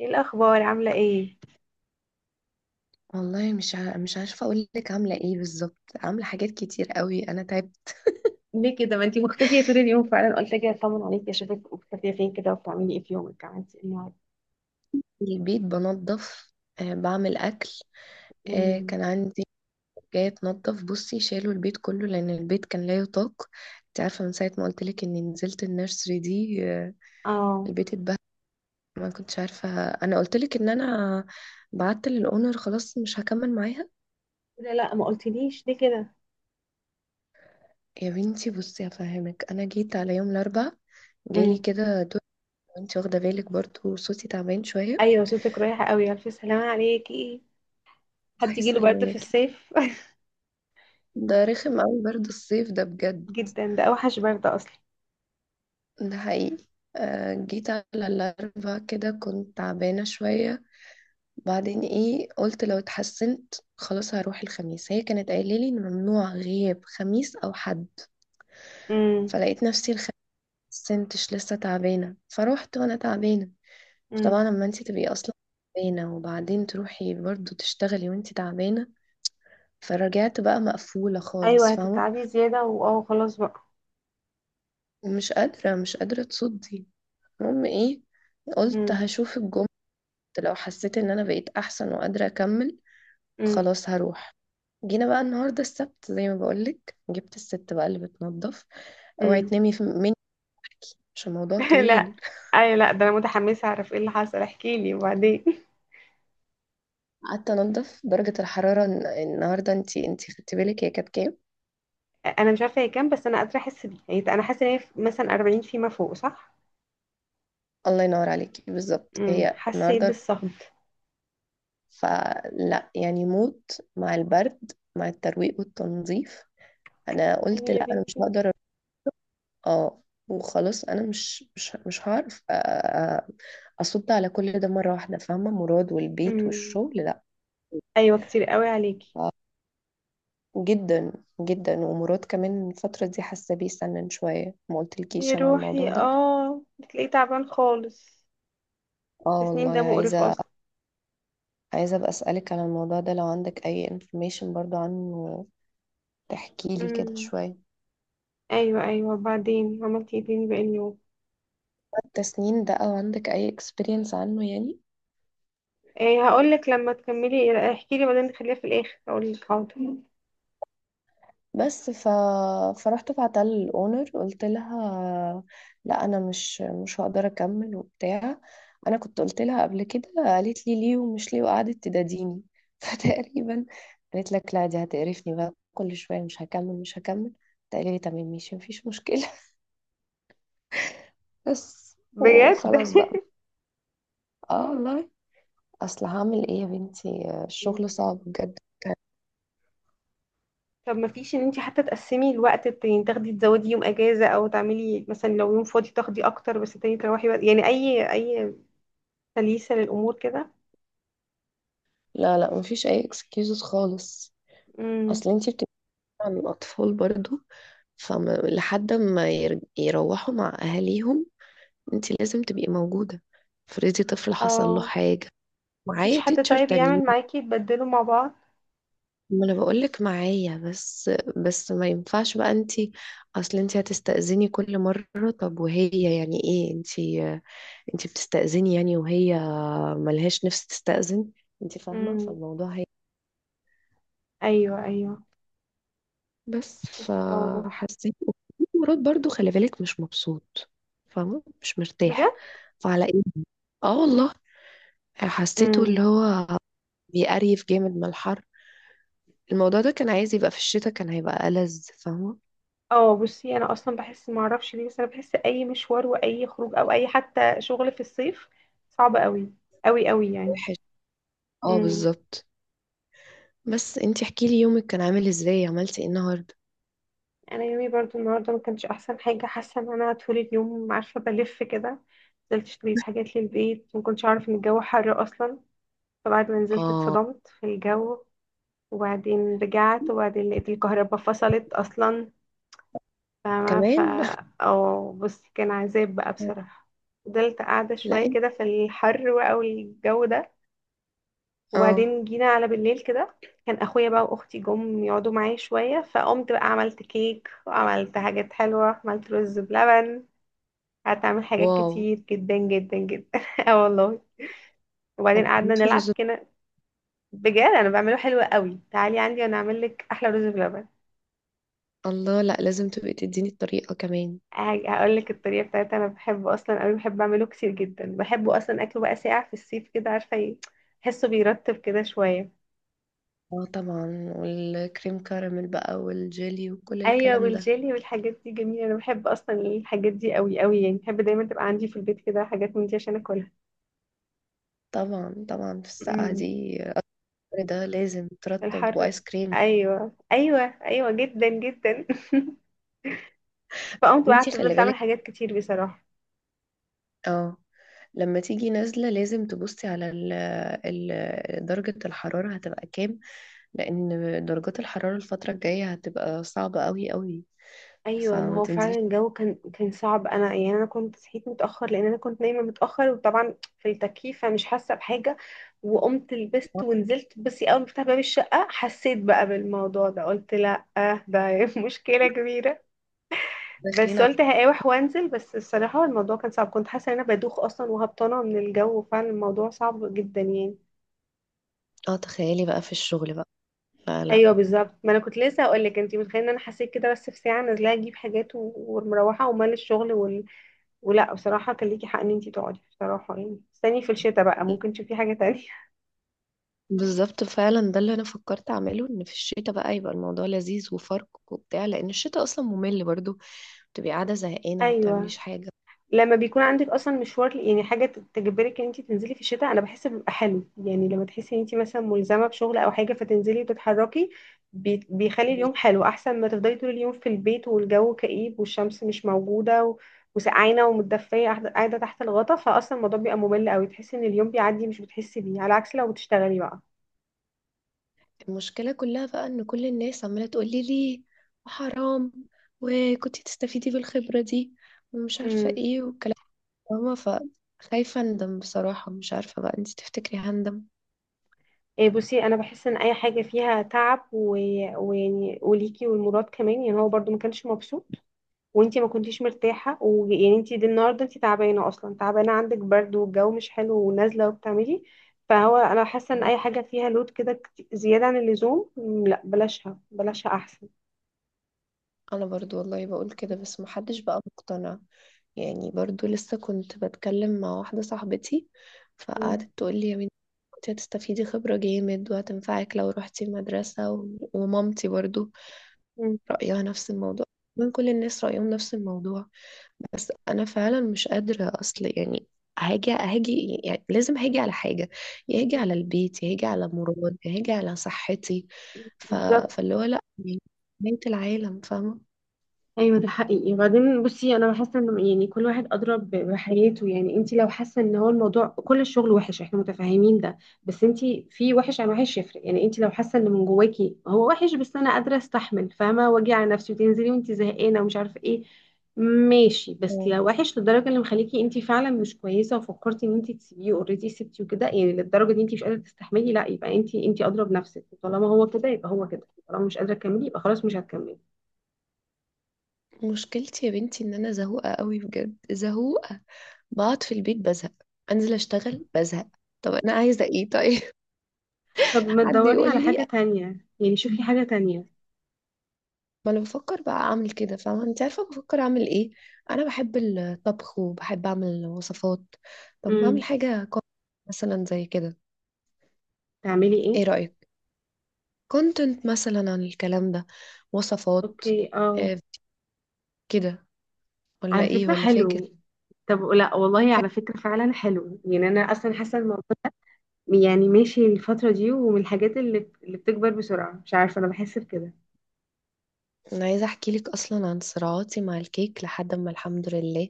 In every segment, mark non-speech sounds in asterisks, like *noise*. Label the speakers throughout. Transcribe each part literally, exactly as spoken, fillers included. Speaker 1: ايه الاخبار؟ عامله ايه؟
Speaker 2: والله مش ع... مش عارفه اقول لك عامله ايه بالظبط. عامله حاجات كتير قوي، انا تعبت.
Speaker 1: ليه كده؟ ما انتي مختفيه طول اليوم، فعلا قلت كده اطمن عليكي، اشوفك مختفيه فين كده وبتعملي ايه في يومك؟ عملتي ايه النهارده؟
Speaker 2: في البيت بنظف، آه بعمل اكل. آه،
Speaker 1: امم.
Speaker 2: كان عندي جايه تنظف. بصي شالوا البيت كله لان البيت كان لا يطاق. انت عارفه من ساعه ما قلت لك اني نزلت النيرسري دي، آه
Speaker 1: اه.
Speaker 2: البيت اتبهدل. ما كنتش عارفه، انا قلت لك ان انا بعت للاونر خلاص مش هكمل معاها.
Speaker 1: لا لا، ما قلتليش ليه كده.
Speaker 2: يا بنتي بصي هفهمك، انا جيت على يوم الاربعاء جالي
Speaker 1: امم.
Speaker 2: كده دور، وانت واخده بالك برضو صوتي تعبان شويه.
Speaker 1: ايوه، صوتك رايح قوي، الف سلامه عليكي. حد
Speaker 2: الله
Speaker 1: يجيله برد في
Speaker 2: يسلمك.
Speaker 1: الصيف؟
Speaker 2: ده رخم قوي برد الصيف ده بجد.
Speaker 1: *laughs* جدا، ده اوحش برد اصلا.
Speaker 2: ده حقيقي. آه، جيت على الأربعاء كده كنت تعبانة شوية. بعدين ايه قلت لو اتحسنت خلاص هروح الخميس، هي كانت قايلة لي ان ممنوع غياب خميس او حد.
Speaker 1: امم.
Speaker 2: فلقيت نفسي الخميس سنتش لسه تعبانة، فروحت وانا تعبانة. فطبعا
Speaker 1: امم.
Speaker 2: لما انت تبقي اصلا تعبانة وبعدين تروحي برضو تشتغلي وانت تعبانة، فرجعت بقى مقفولة
Speaker 1: ايوه،
Speaker 2: خالص فاهمة.
Speaker 1: هتتعبي زياده، واه خلاص بقى.
Speaker 2: ومش قادرة مش قادرة تصدي. المهم ايه، قلت
Speaker 1: امم.
Speaker 2: هشوف الجمعة، لو حسيت ان انا بقيت احسن وقادرة اكمل
Speaker 1: امم.
Speaker 2: خلاص هروح. جينا بقى النهاردة السبت زي ما بقولك جبت الست بقى اللي بتنظف. اوعي
Speaker 1: امم.
Speaker 2: تنامي في- مني عشان الموضوع
Speaker 1: *laughs* لا.
Speaker 2: طويل.
Speaker 1: ايوه لا، ده انا متحمسه اعرف ايه اللي حصل، احكيلي وبعدين.
Speaker 2: قعدت انضف. درجة الحرارة الن- النهاردة، انتي انتي خدتي بالك هي كانت كام؟
Speaker 1: انا مش عارفه هي كام، بس انا قادره احس بيه، يعني انا حاسه ان هي في- مثلا أربعين فيما فوق، صح؟
Speaker 2: الله ينور عليكي بالظبط
Speaker 1: امم.
Speaker 2: هي
Speaker 1: حسيت
Speaker 2: النهاردة.
Speaker 1: بالصهد.
Speaker 2: فلا يعني موت مع البرد مع الترويق والتنظيف. انا قلت
Speaker 1: يعني يا
Speaker 2: لا انا مش
Speaker 1: بنتي.
Speaker 2: هقدر. اه، وخلاص انا مش مش مش هعرف أ- أ- اصد على كل ده مره واحده، فاهمه مراد والبيت
Speaker 1: امم.
Speaker 2: والشغل لا.
Speaker 1: ايوه، كتير قوي عليكي.
Speaker 2: جدا، جدا. ومراد كمان الفتره دي حاسه بيه سنن شويه، ما
Speaker 1: يا
Speaker 2: قلتلكيش انا على
Speaker 1: روحي،
Speaker 2: الموضوع ده.
Speaker 1: اه، بتلاقيه تعبان خالص.
Speaker 2: اه والله،
Speaker 1: التسنين ده مقرف
Speaker 2: عايزه
Speaker 1: اصلا.
Speaker 2: عايزه ابقى اسالك على الموضوع ده لو عندك اي انفورميشن برضو عنه، تحكي لي كده
Speaker 1: امم.
Speaker 2: شويه.
Speaker 1: ايوه ايوه، وبعدين عملتي ايه تاني باقي اليوم؟
Speaker 2: التسنين ده او عندك اي اكسبيرينس عنه يعني.
Speaker 1: ايه، هقول لك، لما تكملي احكي لي بعدين، خليها في الاخر، هقول لك حاضر.
Speaker 2: بس ف... فرحت بعتها للاونر قلت لها لا انا مش مش هقدر اكمل وبتاع. انا كنت قلت لها قبل كده، قالت لي ليه ومش ليه وقعدت تداديني *laughs* فتقريبا قالت لك لا دي هتقرفني بقى كل شويه مش هكمل مش هكمل. قلت لي تمام ماشي مفيش مشكله *laughs* بس
Speaker 1: بجد.
Speaker 2: وخلاص بقى. اه والله. اصل هعمل ايه يا بنتي الشغل صعب
Speaker 1: *laughs*
Speaker 2: بجد.
Speaker 1: طب ما فيش ان انت حتى تقسمي الوقت التاني، تاخدي تزودي يوم اجازة، او تعملي مثلا لو يوم فاضي تاخدي اكتر، بس التاني تروحي بقى، يعني اي اي تليسة للامور كده.
Speaker 2: لا لا، مفيش اي اكسكيوزز خالص.
Speaker 1: امم.
Speaker 2: اصل انتي بت عن الأطفال برضو، فلحد ما ير- يروحوا مع أهاليهم انت لازم تبقي موجودة. افرضي طفل حصل له
Speaker 1: اه.
Speaker 2: حاجة.
Speaker 1: مفيش
Speaker 2: معايا
Speaker 1: حد
Speaker 2: تيتشر
Speaker 1: طيب
Speaker 2: تانيين.
Speaker 1: يعمل معاكي تبدلوا مع بعض؟
Speaker 2: ما انا بقولك معايا بس. بس ما ينفعش بقى انت، اصل انت هتستأذني كل مرة. طب وهي يعني ايه؟ انت انت بتستأذني يعني وهي ملهاش نفس تستأذن، انت فاهمة
Speaker 1: امم.
Speaker 2: فالموضوع هي.
Speaker 1: ايوه ايوه،
Speaker 2: بس
Speaker 1: خلاص.
Speaker 2: فحسيت مرات برضو خلي بالك مش مبسوط، فاهمه مش مرتاح.
Speaker 1: بجد.
Speaker 2: فعلى ايه، اه والله حسيته اللي
Speaker 1: امم.
Speaker 2: هو بيقريف جامد من الحر. الموضوع ده كان عايز يبقى في الشتاء كان هيبقى ألذ فاهمه.
Speaker 1: اه. بصي، انا اصلا بحس، ما اعرفش ليه، بس انا بحس اي مشوار واي خروج او اي حتى شغل في الصيف صعب قوي، قوي قوي يعني.
Speaker 2: وحش. اه
Speaker 1: امم.
Speaker 2: بالظبط. بس انتي احكي لي يومك كان عامل ازاي، عملتي ايه النهارده؟
Speaker 1: انا يومي برضو النهارده ما كانش احسن حاجه، حاسه ان انا طول اليوم عارفه بلف كده. نزلت اشتريت حاجات للبيت، ما كنتش اعرف ان الجو حر اصلا. فبعد ما نزلت
Speaker 2: اه،
Speaker 1: اتصدمت في الجو، وبعدين رجعت، وبعدين لقيت الكهرباء فصلت اصلا. فما ف
Speaker 2: كمان
Speaker 1: او بص، كان عذاب بقى
Speaker 2: *laughs*
Speaker 1: بصراحه. فضلت قاعده
Speaker 2: لا
Speaker 1: شويه
Speaker 2: انت،
Speaker 1: كده في الحر بقى والجو ده،
Speaker 2: اه.
Speaker 1: وبعدين جينا على بالليل كده. كان اخويا بقى واختي جم يقعدوا معايا شويه، فقمت بقى عملت كيك، وعملت حاجات حلوه، عملت رز بلبن. قعدت اعمل حاجات
Speaker 2: واو.
Speaker 1: كتير جدا جدا جدا. *laughs* اه والله. وبعدين قعدنا
Speaker 2: بموت في
Speaker 1: نلعب
Speaker 2: الرز.
Speaker 1: كده. بجد انا بعمله حلو قوي، تعالي عندي وانا اعمل لك احلى رز بلبن.
Speaker 2: الله، لا، لازم تبقي تديني الطريقه كمان.
Speaker 1: هقول لك الطريقه بتاعتها، انا بحبه اصلا قوي، بحب اعمله كتير جدا، بحبه اصلا، اكله بقى ساقع في الصيف كده، عارفه ايه، بحسه بيرطب كده شويه.
Speaker 2: اه طبعا والكريم كراميل بقى والجيلي وكل
Speaker 1: ايوه،
Speaker 2: الكلام ده.
Speaker 1: والجيلي والحاجات دي جميله، انا بحب اصلا الحاجات دي قوي قوي، يعني بحب دايما تبقى عندي في البيت كده حاجات من دي عشان اكلها.
Speaker 2: طبعا طبعا في السقعة
Speaker 1: امم.
Speaker 2: دي الأمر ده لازم ترطب
Speaker 1: الحر.
Speaker 2: وآيس كريم.
Speaker 1: ايوه ايوه. ايوه جدا جدا. فقمت بقى
Speaker 2: انتي
Speaker 1: قعدت
Speaker 2: خلي
Speaker 1: فضلت اعمل
Speaker 2: بالك،
Speaker 1: حاجات كتير بصراحة.
Speaker 2: اه، لما تيجي نازلة لازم تبصي على ال ال درجة الحرارة هتبقى كام. لأن درجات الحرارة الفترة الجاية هتبقى صعبة قوي قوي،
Speaker 1: ايوه، ما
Speaker 2: فما
Speaker 1: هو
Speaker 2: تنزليش.
Speaker 1: فعلا الجو كان كان صعب، انا يعني انا كنت صحيت متاخر لان انا كنت نايمه متاخر، وطبعا في التكييف فمش حاسه بحاجه. وقمت لبست ونزلت، بس اول ما فتحت باب الشقه حسيت بقى بالموضوع ده، قلت لا آه، ده *laughs* مشكله كبيره.
Speaker 2: داخلين
Speaker 1: بس
Speaker 2: ع-
Speaker 1: قلت هقاوح وانزل، بس الصراحه الموضوع كان صعب، كنت حاسه ان انا بدوخ اصلا وهبطانه من الجو، فعلا الموضوع صعب جدا يعني.
Speaker 2: اه تخيلي بقى في الشغل بقى. لا لا.
Speaker 1: ايوه بالظبط، ما انا كنت لسه هقول لك، انت متخيله ان انا حسيت كده، بس في ساعه نازله اجيب حاجات و- ومروحه ومال الشغل وال... ولا بصراحه، كان ليكي حق ان انت تقعدي بصراحه، يعني استني في الشتاء بقى ممكن تشوفي حاجه تانية.
Speaker 2: بالظبط فعلا ده اللي انا فكرت اعمله ان في الشتاء بقى يبقى الموضوع لذيذ وفرق وبتاع، لان الشتاء اصلا ممل برضو، بتبقي قاعده
Speaker 1: *laughs*
Speaker 2: زهقانه ما
Speaker 1: ايوه،
Speaker 2: بتعمليش حاجه.
Speaker 1: لما بيكون عندك اصلا مشوار، يعني حاجه تجبرك ان انت تنزلي في الشتاء، انا بحس بيبقى حلو، يعني لما تحسي ان انت مثلا ملزمه بشغل او حاجه فتنزلي وتتحركي، بي- بيخلي اليوم حلو، احسن ما تفضلي طول اليوم في البيت والجو كئيب والشمس مش موجوده و... وسقعانه ومتدفيه قاعده قاعدة تحت الغطا، فاصلا الموضوع بيبقى ممل قوي، تحسي ان اليوم بيعدي مش بتحسي بيه، على عكس لو بتشتغلي بقى.
Speaker 2: المشكلة كلها بقى إن كل الناس عمالة تقولي ليه، وحرام، وكنتي تستفيدي بالخبرة دي، ومش عارفة
Speaker 1: امم.
Speaker 2: ايه والكلام ده فاهمة؟ فخايفة أندم بصراحة، مش عارفة بقى انتي تفتكري هندم؟
Speaker 1: إيه، بصي انا بحس ان اي حاجه فيها تعب و... ويعني وليكي والمراد كمان، يعني هو برضو ما كانش مبسوط، وانتي ما كنتيش مرتاحه، ويعني انتي دي النهارده انتي تعبانه اصلا، تعبانه عندك برد والجو مش حلو ونازله وبتعملي. فهو انا حاسه ان اي حاجه فيها لود كده كت- زياده عن اللزوم، مم، لا، بلاشها بلاشها احسن.
Speaker 2: أنا برضو والله بقول كده بس محدش بقى مقتنع. يعني برضو لسه كنت بتكلم مع واحدة صاحبتي،
Speaker 1: مم.
Speaker 2: فقعدت تقولي يا بنتي. انت هتستفيدي خبرة جامد وهتنفعك لو روحتي المدرسة و- ومامتي برضو.
Speaker 1: مم.
Speaker 2: رأيها نفس الموضوع. من كل الناس رأيهم نفس الموضوع. بس انا فعلا مش قادره. اصل يعني هاجي هاجي يعني لازم هاجي على حاجه، يا هاجي على البيت يا هاجي على مراد يا هاجي على صحتي. ف...
Speaker 1: بالظبط.
Speaker 2: فاللي هو لا يعني بنت العالم فاهمه.
Speaker 1: ايوه، ده حقيقي. وبعدين بصي انا حاسه ان يعني كل واحد ادرى ب- بحياته، يعني انت لو حاسه ان هو الموضوع كل الشغل وحش احنا متفاهمين ده، بس انت في وحش عن وحش يفرق، يعني انت لو حاسه ان من جواكي هو وحش بس انا قادره استحمل فاهمه واجي على نفسي وتنزلي وانت زهقانه ومش عارفه ايه، ماشي. بس
Speaker 2: مم.
Speaker 1: لو وحش للدرجه اللي مخليكي انت فعلا مش كويسه وفكرتي ان انت تسيبيه اوريدي سبتي وكده، يعني للدرجه دي انت مش قادره تستحملي، لا يبقى انت انت اضرب نفسك، طالما هو كده يبقى هو كده، طالما مش قادره تكملي يبقى خلاص مش هتكملي.
Speaker 2: مشكلتي يا بنتي ان انا زهوقه قوي بجد زهوقه. بقعد في البيت بزهق، انزل اشتغل بزهق. طب انا عايزه ايه طيب؟
Speaker 1: طب
Speaker 2: *laughs*
Speaker 1: ما
Speaker 2: حد
Speaker 1: تدوري
Speaker 2: يقول
Speaker 1: على
Speaker 2: لي.
Speaker 1: حاجة تانية، يعني شوفي حاجة تانية.
Speaker 2: ما انا بفكر بقى اعمل كده فاهمه، انت عارفه بفكر اعمل ايه؟ انا بحب الطبخ وبحب اعمل وصفات. طب ما اعمل
Speaker 1: امم.
Speaker 2: حاجه كون- مثلا زي كده.
Speaker 1: تعملي
Speaker 2: ايه
Speaker 1: ايه؟
Speaker 2: رايك؟ كونتنت مثلا عن الكلام ده، وصفات.
Speaker 1: اوكي، اه.
Speaker 2: آه، كده، ولا
Speaker 1: على
Speaker 2: ايه
Speaker 1: فكرة
Speaker 2: ولا فاكس؟
Speaker 1: حلو. طب لا والله،
Speaker 2: حاجة-
Speaker 1: على فكرة فعلا حلو، يعني انا اصلا حاسة الموضوع، يعني ماشي الفترة دي، ومن الحاجات اللي اللي بتكبر بسرعة، مش عارفة، انا بحس بكده.
Speaker 2: انا عايزه احكي لك اصلا عن صراعاتي مع الكيك لحد ما الحمد لله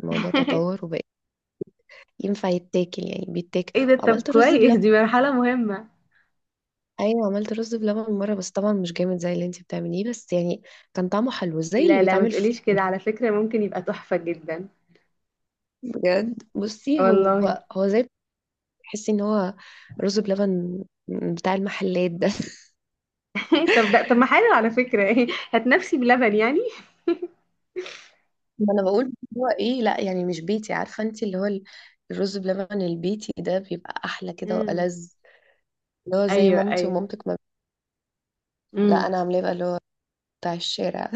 Speaker 2: الموضوع
Speaker 1: *laughs*
Speaker 2: تطور وبقى ينفع يتاكل، يعني بيتاكل.
Speaker 1: ايه ده؟ طب
Speaker 2: وعملت رز بلبن.
Speaker 1: كويس، دي مرحلة مهمة.
Speaker 2: ايوه عملت رز بلبن مره، بس طبعا مش جامد زي اللي انت بتعمليه، بس يعني كان طعمه حلو زي اللي
Speaker 1: لا لا، ما
Speaker 2: بيتعمل في.
Speaker 1: تقوليش كده، على فكرة ممكن يبقى تحفة جدا.
Speaker 2: بجد بصي هو
Speaker 1: والله.
Speaker 2: هو زي، تحسي ان هو رز بلبن بتاع المحلات ده *laughs*
Speaker 1: *laughs* طب ده طب ما حلو على فكرة، *laughs* هتنفسي بلبن يعني.
Speaker 2: ما انا بقول هو ايه، لا يعني مش بيتي عارفه انت اللي هو ال- الرز بلبن البيتي ده بيبقى احلى كده
Speaker 1: امم.
Speaker 2: والذ، اللي هو زي
Speaker 1: ايوه
Speaker 2: مامتي
Speaker 1: ايوه.
Speaker 2: ومامتك ما. لا
Speaker 1: امم.
Speaker 2: انا عاملاه بقى اللي هو بتاع الشارع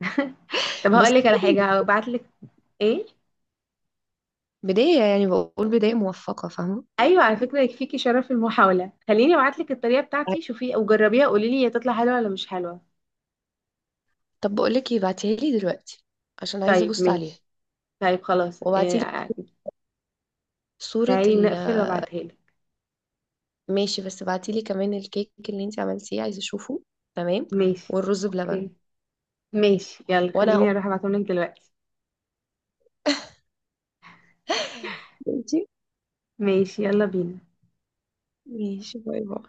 Speaker 1: *laughs*
Speaker 2: *laughs*
Speaker 1: طب
Speaker 2: بس.
Speaker 1: هقول لك على حاجة هبعت لك. ايه؟
Speaker 2: بداية يعني بقول بداية موفقة فاهمة.
Speaker 1: ايوه على فكرة، يكفيكي شرف المحاولة، خليني ابعت لك الطريقة بتاعتي، شوفي وجربيها، قولي لي هي تطلع حلوة ولا مش حلوة.
Speaker 2: طب بقول لك ايه، بعتيها لي دلوقتي عشان عايزه
Speaker 1: طيب
Speaker 2: ابص عليها.
Speaker 1: ماشي. طيب خلاص،
Speaker 2: وبعتي
Speaker 1: إيه،
Speaker 2: لي صوره
Speaker 1: تعالي
Speaker 2: ال.
Speaker 1: نقفل وابعتها لك.
Speaker 2: ماشي بس بعتيلي كمان الكيك اللي انت عملتيه عايزه اشوفه. تمام.
Speaker 1: ماشي.
Speaker 2: والرز
Speaker 1: اوكي.
Speaker 2: بلبن.
Speaker 1: ماشي يلا،
Speaker 2: وانا هقوم
Speaker 1: خليني اروح ابعتهم لك دلوقتي.
Speaker 2: دلوقتي.
Speaker 1: ماشي، يلا بينا.
Speaker 2: ماشي باي باي.